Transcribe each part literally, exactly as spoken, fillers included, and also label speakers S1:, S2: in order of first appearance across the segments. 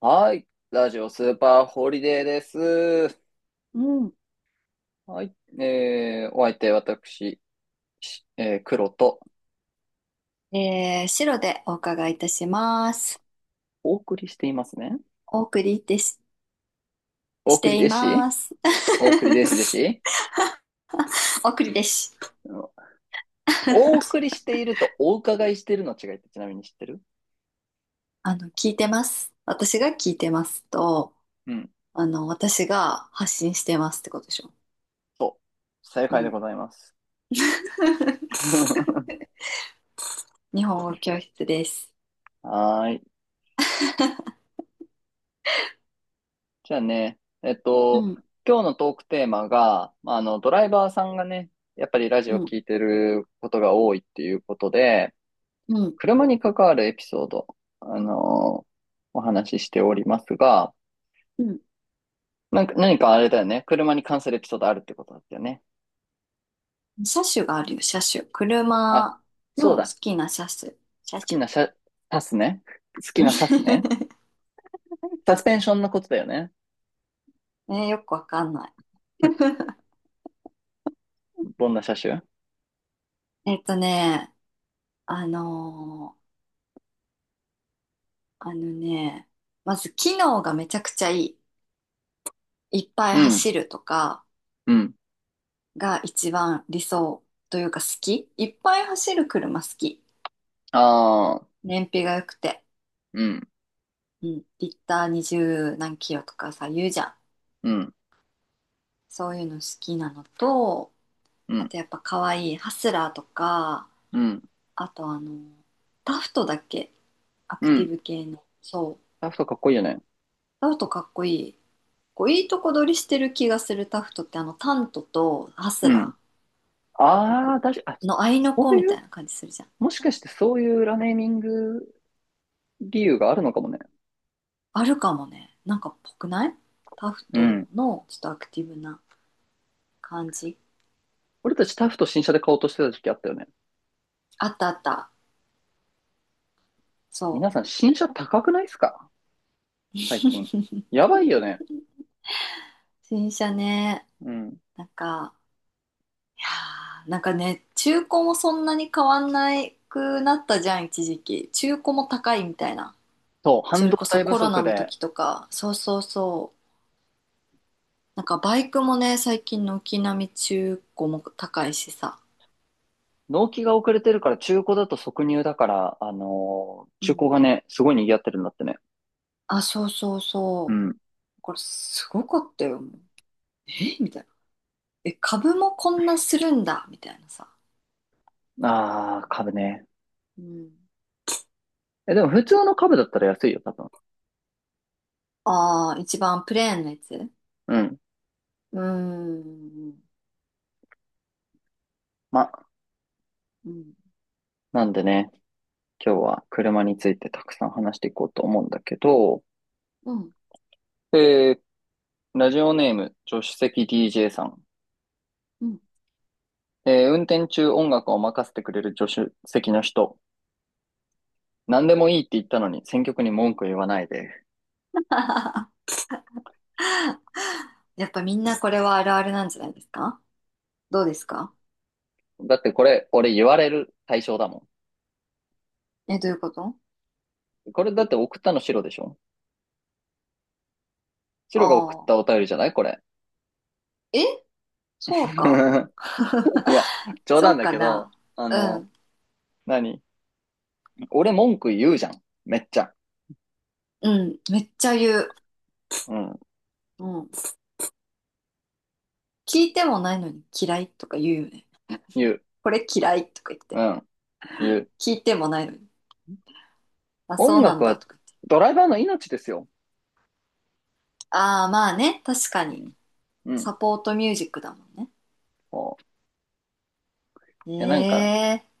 S1: はい。ラジオスーパーホリデーです。
S2: うん。
S1: はい。えー、お相手、私、しえー、黒と、
S2: えー、白でお伺いいたします。
S1: お送りしていますね。
S2: お送りです、
S1: お
S2: し
S1: 送り
S2: てい
S1: 弟子
S2: ます。
S1: お送り弟子弟 子
S2: お送りです。
S1: うん、お送りしているとお伺いしているの違いってちなみに知ってる？
S2: あの、聞いてます。私が聞いてますと、
S1: うん。
S2: あの、私が発信してますってことでしょ。
S1: そう。正
S2: う
S1: 解で
S2: ん。
S1: ございます。
S2: 日本語教室です。
S1: はーい。じゃあね、えっ
S2: う
S1: と、
S2: ん、
S1: 今日のトークテーマが、まああの、ドライバーさんがね、やっぱりラジ
S2: う
S1: オ
S2: ん、
S1: 聞いてることが多いっていうことで、
S2: うん、
S1: 車に関わるエピソード、あのーお話ししておりますが、
S2: うん。
S1: なんか、何かあれだよね。車に関するエピソードあるってことだったよね。
S2: 車種があるよ、車種。
S1: あ、
S2: 車
S1: そう
S2: の好
S1: だ。
S2: きな車種。車
S1: 好き
S2: 種。
S1: な車、サスね。好きなサ スね。サスペンションのことだよね。
S2: えよくわかんない。
S1: どんな車種？
S2: えっとね、あのーあのね、まず機能がめちゃくちゃいい。いっぱい
S1: うん、
S2: 走るとか
S1: うん。
S2: が一番理想というか好き。いっぱい走る車好き。
S1: ああ、
S2: 燃費が良くて。
S1: うん、
S2: うん。リッターにじゅう何キロとかさ、言うじゃん。
S1: うん、
S2: そういうの好きなのと、
S1: う
S2: あ
S1: ん、
S2: とやっぱ可愛いハスラーとか、
S1: うん、
S2: あとあの、タフトだっけ、ア
S1: う
S2: クティ
S1: ん。
S2: ブ系の。そう。
S1: ラフトかっこいいよね。
S2: タフトかっこいい。こういいとこ取りしてる気がする、タフトって、あのタントとハスラ
S1: う
S2: ー
S1: ん。
S2: お
S1: あ
S2: こ
S1: あ、だしあ、
S2: の合いの
S1: そ
S2: 子
S1: う
S2: み
S1: い
S2: た
S1: う、
S2: いな感じするじゃん。
S1: もしかしてそういう裏ネーミング理由があるのかもね。
S2: あるかもね。なんかっぽくない？タフ
S1: う
S2: ト
S1: ん。
S2: のちょっとアクティブな感じ。
S1: 俺たちタフと新車で買おうとしてた時期あったよね。
S2: あったあった。そ
S1: 皆さん新車高くないですか、最近。やばいよね。
S2: う。新車ね。
S1: うん。
S2: なんか、いやーなんかね、中古もそんなに変わんないくなったじゃん、一時期。中古も高いみたいな。
S1: そう、半
S2: それ
S1: 導
S2: こそ
S1: 体不
S2: コロナ
S1: 足
S2: の
S1: で、
S2: 時とか。そうそうそう。なんかバイクもね、最近軒並み中古も高いしさ。
S1: 納期が遅れてるから中古だと即入だから、あのー
S2: う
S1: 中古
S2: ん。
S1: がね、すごい賑わってるんだってね。
S2: あ、そうそう
S1: う
S2: そ
S1: ん。
S2: う。これすごかったよ。えみたいな。え、株もこんなするんだみたいなさ。
S1: あー、株ね。
S2: うん。
S1: え、でも普通の株だったら安いよ、多分。
S2: ああ、一番プレーンなやつう
S1: うん。
S2: ーん。
S1: ま、
S2: うん。
S1: なんでね、今日は車についてたくさん話していこうと思うんだけど、
S2: うん。
S1: えー、ラジオネーム、助手席 ディージェー さん。
S2: うん。
S1: えー、運転中音楽を任せてくれる助手席の人。何でもいいって言ったのに選曲に文句言わないで。
S2: やっぱみんなこれはあるあるなんじゃないですか？どうですか？
S1: だってこれ、俺言われる対象だも
S2: え、どういうこと？
S1: ん。これだって送ったの白でしょ？白が送っ
S2: ああ
S1: たお便りじゃないこれ。
S2: ー。え、そう か。
S1: いや、冗
S2: そ
S1: 談
S2: う
S1: だ
S2: か
S1: けど、
S2: な。
S1: あ
S2: う
S1: の、
S2: ん。
S1: 何俺文句言うじゃん。めっちゃ。
S2: うん。めっちゃ言う。
S1: うん。
S2: うん。聞いてもないのに嫌いとか言うよね。
S1: 言う。
S2: これ嫌いとか言っ
S1: う
S2: て。
S1: ん。言う。
S2: 聞いてもないのに。あ、そ
S1: 音
S2: うな
S1: 楽
S2: んだ
S1: は
S2: とか言って。
S1: ドライバーの命ですよ。
S2: ああ、まあね。確か
S1: う
S2: に。
S1: ん。う
S2: サ
S1: ん。
S2: ポートミュージックだもんね。
S1: こう。いや、なんか、
S2: ええ、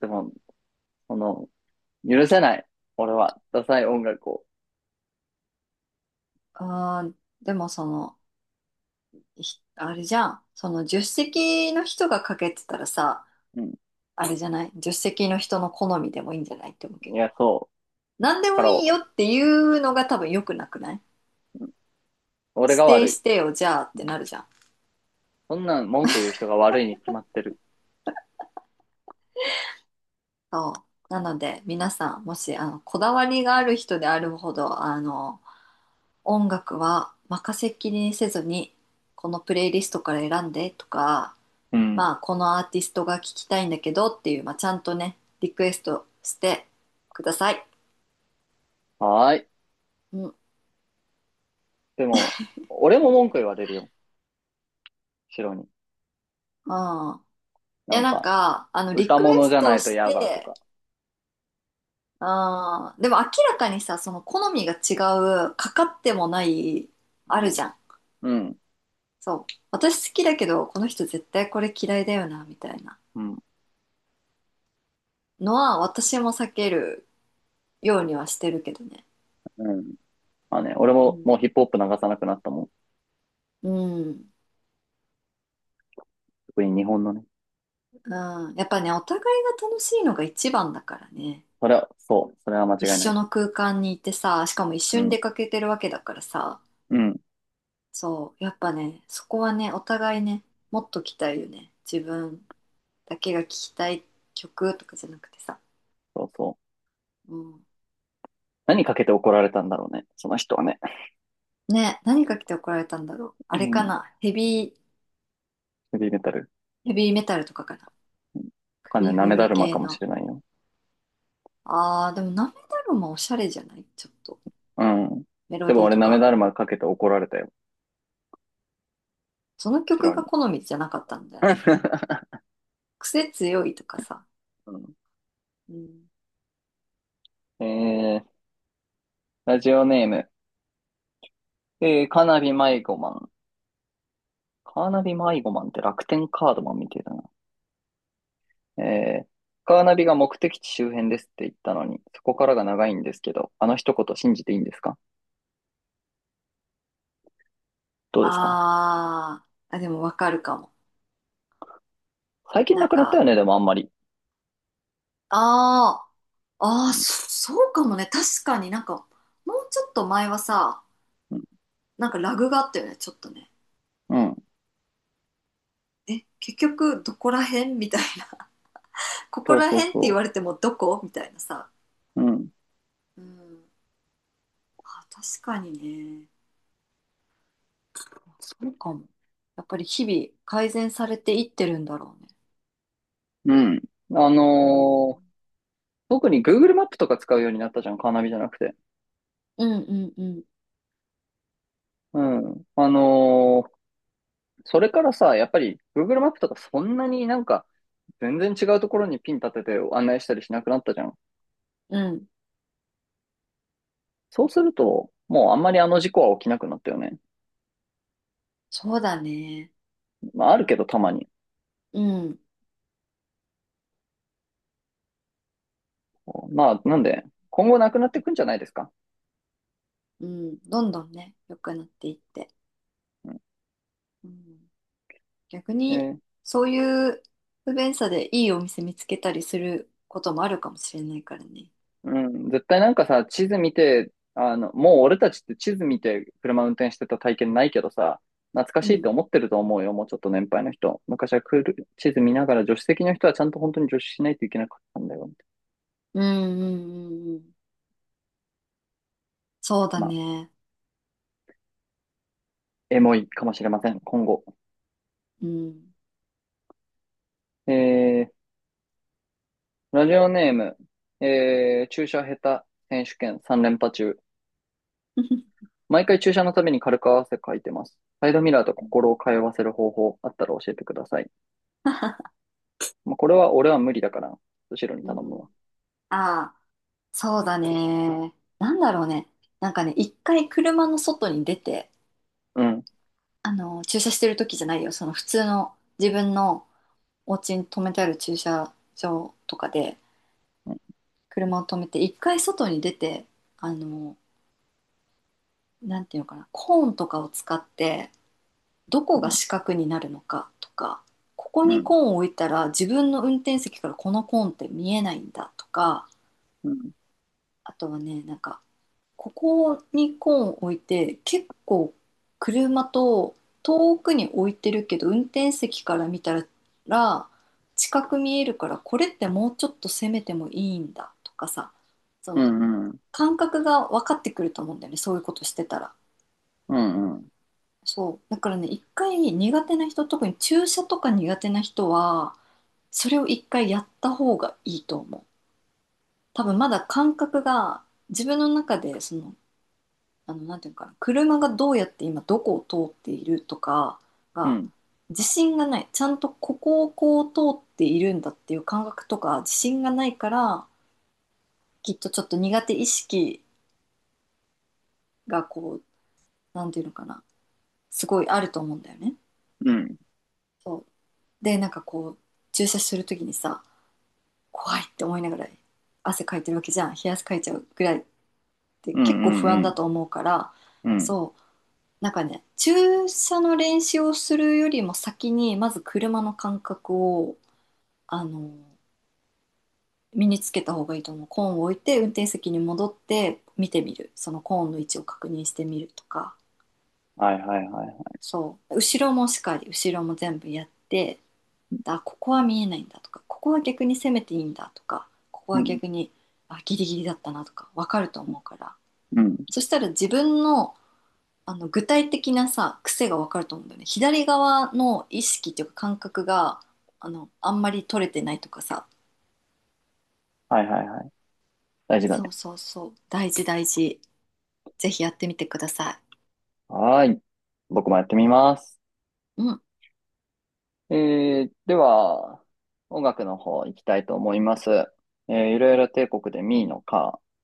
S1: でも、この、許せない。俺は、ダサい音楽を。
S2: あー、でもその、ひあれじゃん。その、助手席の人がかけてたらさ、
S1: うん、
S2: あれじゃない？助手席の人の好みでもいいんじゃないって思うけ
S1: い
S2: ど。
S1: や、そ
S2: 何
S1: う。
S2: で
S1: だか
S2: もいいよ
S1: ら、
S2: っていうのが多分良くなくない？
S1: 俺
S2: 指
S1: が悪
S2: 定し
S1: い。
S2: てよ、じゃあっ
S1: う
S2: て
S1: ん、
S2: なるじゃん。
S1: そんなん文句言う人が悪いに決まってる。
S2: そう。なので、皆さん、もし、あの、こだわりがある人であるほど、あの、音楽は任せっきりにせずに、このプレイリストから選んでとか、
S1: うん。
S2: まあ、このアーティストが聞きたいんだけどっていう、まあ、ちゃんとね、リクエストしてください。
S1: はーい。
S2: うん。
S1: でも、俺も文句言われるよ。白に。
S2: あ、い
S1: な
S2: や、
S1: ん
S2: なん
S1: か、
S2: か、あの、リ
S1: 歌
S2: クエ
S1: 物じ
S2: ス
S1: ゃな
S2: ト
S1: いと
S2: し
S1: 嫌だと
S2: て、
S1: か。
S2: あーでも明らかにさ、その好みが違う、かかってもない、あ
S1: う
S2: る
S1: ん。
S2: じゃん。
S1: うん。
S2: そう。私好きだけど、この人絶対これ嫌いだよな、みたいな
S1: うん。
S2: のは、私も避けるようにはしてるけどね。
S1: うん、まあね、俺
S2: う
S1: も
S2: ん。
S1: もうヒップホップ流さなくなったもん。
S2: うん。
S1: 特に日本のね。
S2: うん、やっぱね、お互いが楽しいのが一番だからね。
S1: それは、そう。それは間
S2: 一
S1: 違いな
S2: 緒
S1: い。
S2: の空間にいてさ、しかも一
S1: う
S2: 緒に
S1: ん。
S2: 出かけてるわけだからさ、
S1: うん。
S2: そう、やっぱね、そこはね、お互いね、もっと聞きたいよね。自分だけが聞きたい曲とかじゃなくてさ。
S1: そうそう。
S2: うん。
S1: 何かけて怒られたんだろうね。その人はね。
S2: ね、何か来て怒られたんだろう。あ
S1: う
S2: れか
S1: ん。
S2: な、ヘビー、
S1: ヘビーメタル。
S2: ヘビーメタルとかかな。
S1: わかんない。
S2: 首
S1: な
S2: 振
S1: めだ
S2: る
S1: るま
S2: 系
S1: かもし
S2: の。
S1: れないよ。
S2: あー、でもナメダルもおしゃれじゃない？ちょっと。
S1: うん。
S2: メ
S1: で
S2: ロ
S1: も
S2: ディー
S1: 俺
S2: と
S1: なめ
S2: か。
S1: だるまかけて怒られたよ。
S2: その
S1: 白
S2: 曲
S1: に。
S2: が好みじゃなかったんだよ。癖強いとかさ。
S1: うん、
S2: うん。
S1: えー、ラジオネーム。えー、カーナビ迷子マン。カーナビ迷子マンって楽天カードマンみたいだな。えー、カーナビが目的地周辺ですって言ったのに、そこからが長いんですけど、あの一言信じていいんですか？どうですか？
S2: あー、あ、でもわかるかも。
S1: 最近
S2: な
S1: な
S2: ん
S1: くなったよ
S2: か、
S1: ね、でもあんまり。
S2: ああ、ああ、
S1: うん、
S2: そ、そうかもね。確かになんか、もうちょっと前はさ、
S1: うん、
S2: なんかラグがあったよね、ちょっとね。
S1: うん、
S2: え、結局どこら辺みたいな。ここ
S1: そう
S2: ら
S1: そう
S2: 辺って言
S1: そ
S2: われてもどこみたいなさ。
S1: う。うん、
S2: うん。あ、確かにね。そうかも。やっぱり日々改善されていってるんだろうね。
S1: うん。あ
S2: う
S1: の
S2: ん。
S1: ー特に Google マップとか使うようになったじゃん、カーナビじゃなくて。
S2: うんうんうん。
S1: うん。あのー、それからさ、やっぱり Google マップとかそんなになんか全然違うところにピン立てて案内したりしなくなったじゃん。
S2: うん。
S1: そうすると、もうあんまりあの事故は起きなくなったよね。
S2: そうだね。
S1: まああるけどたまに。
S2: うん。
S1: まあなんで、今後なくなってくんじゃないですか。
S2: うん。どんどんね、良くなっていって。
S1: うん、
S2: うん、逆
S1: え
S2: に、
S1: ー、
S2: そういう不便さでいいお店見つけたりすることもあるかもしれないからね。
S1: うん、絶対なんかさ、地図見て、あの、もう俺たちって地図見て車運転してた体験ないけどさ、懐か
S2: う
S1: しいって
S2: ん。
S1: 思ってると思うよ、もうちょっと年配の人。昔はクール地図見ながら助手席の人はちゃんと本当に助手しないといけなかったんだよ。
S2: うんうんうんうん。そうだ
S1: まあ
S2: ね。
S1: エモいかもしれません、今後。
S2: うん。
S1: えー、ラジオネーム、えー、注射下手選手権さん連覇中。毎回注射のために軽く汗かいてます。サイドミラーと心を通わせる方法あったら教えてください。まあ、これは俺は無理だから、後ろに
S2: う
S1: 頼む
S2: ん。
S1: わ。
S2: ああ、そうだね。なんだろうね。なんかね、一回車の外に出て、
S1: うん、
S2: あの、駐車してる時じゃないよ。その普通の自分のお家に止めてある駐車場とかで
S1: うん、
S2: 車を止めて、一回外に出て、あの、なんていうのかな、コーンとかを使ってどこ
S1: う
S2: が
S1: ん、
S2: 四角になるのかとか、ここ
S1: う
S2: に
S1: ん、
S2: コーンを置いたら自分の運転席からこのコーンって見えないんだとか、
S1: うん、
S2: あとはね、なんかここにコーンを置いて、結構車と遠くに置いてるけど運転席から見たら近く見えるから、これってもうちょっと攻めてもいいんだとかさ、そ
S1: う
S2: の
S1: ん、うん、うん、
S2: 感覚が分かってくると思うんだよね、そういうことしてたら。
S1: うん、
S2: そう。だからね、一回苦手な人、特に注射とか苦手な人は、それを一回やった方がいいと思う。多分まだ感覚が、自分の中で、その、あの、なんていうのかな、車がどうやって今どこを通っているとか
S1: う
S2: が、
S1: ん、
S2: 自信がない。ちゃんとここをこう通っているんだっていう感覚とか、自信がないから、きっとちょっと苦手意識がこう、なんていうのかな、すごいあると思うんだよね。
S1: うん、
S2: そう。で、なんかこう、注射するときにさ、怖いって思いながら汗かいてるわけじゃん、冷や汗かいちゃうぐらいって
S1: う
S2: 結構不安だ
S1: ん、
S2: と思うから、
S1: うん、
S2: そう、なんかね、注射の練習をするよりも先にまず車の感覚を、あの、身につけた方がいいと思う。コーンを置いて運転席に戻って見てみる、そのコーンの位置を確認してみるとか、
S1: はいはいはい。
S2: そう、後ろもしっかり、後ろも全部やって、あ、ここは見えないんだとか、ここは逆に攻めていいんだとか、ここ
S1: う
S2: は
S1: ん、
S2: 逆に、あ、ギリギリだったなとか分かると思うから、
S1: うん、
S2: そしたら自分の、あの、具体的なさ、癖が分かると思うんだよね。左側の意識っていうか感覚が、あの、あんまり取れてないとかさ、
S1: はいはいはい。大事だ
S2: そ
S1: ね。
S2: うそうそう、大事大事。ぜひやってみてくださ
S1: はーい。僕もやってみます。
S2: い。うん。
S1: えー、では、音楽の方行きたいと思います。えー、いろいろ帝国でミーのカー。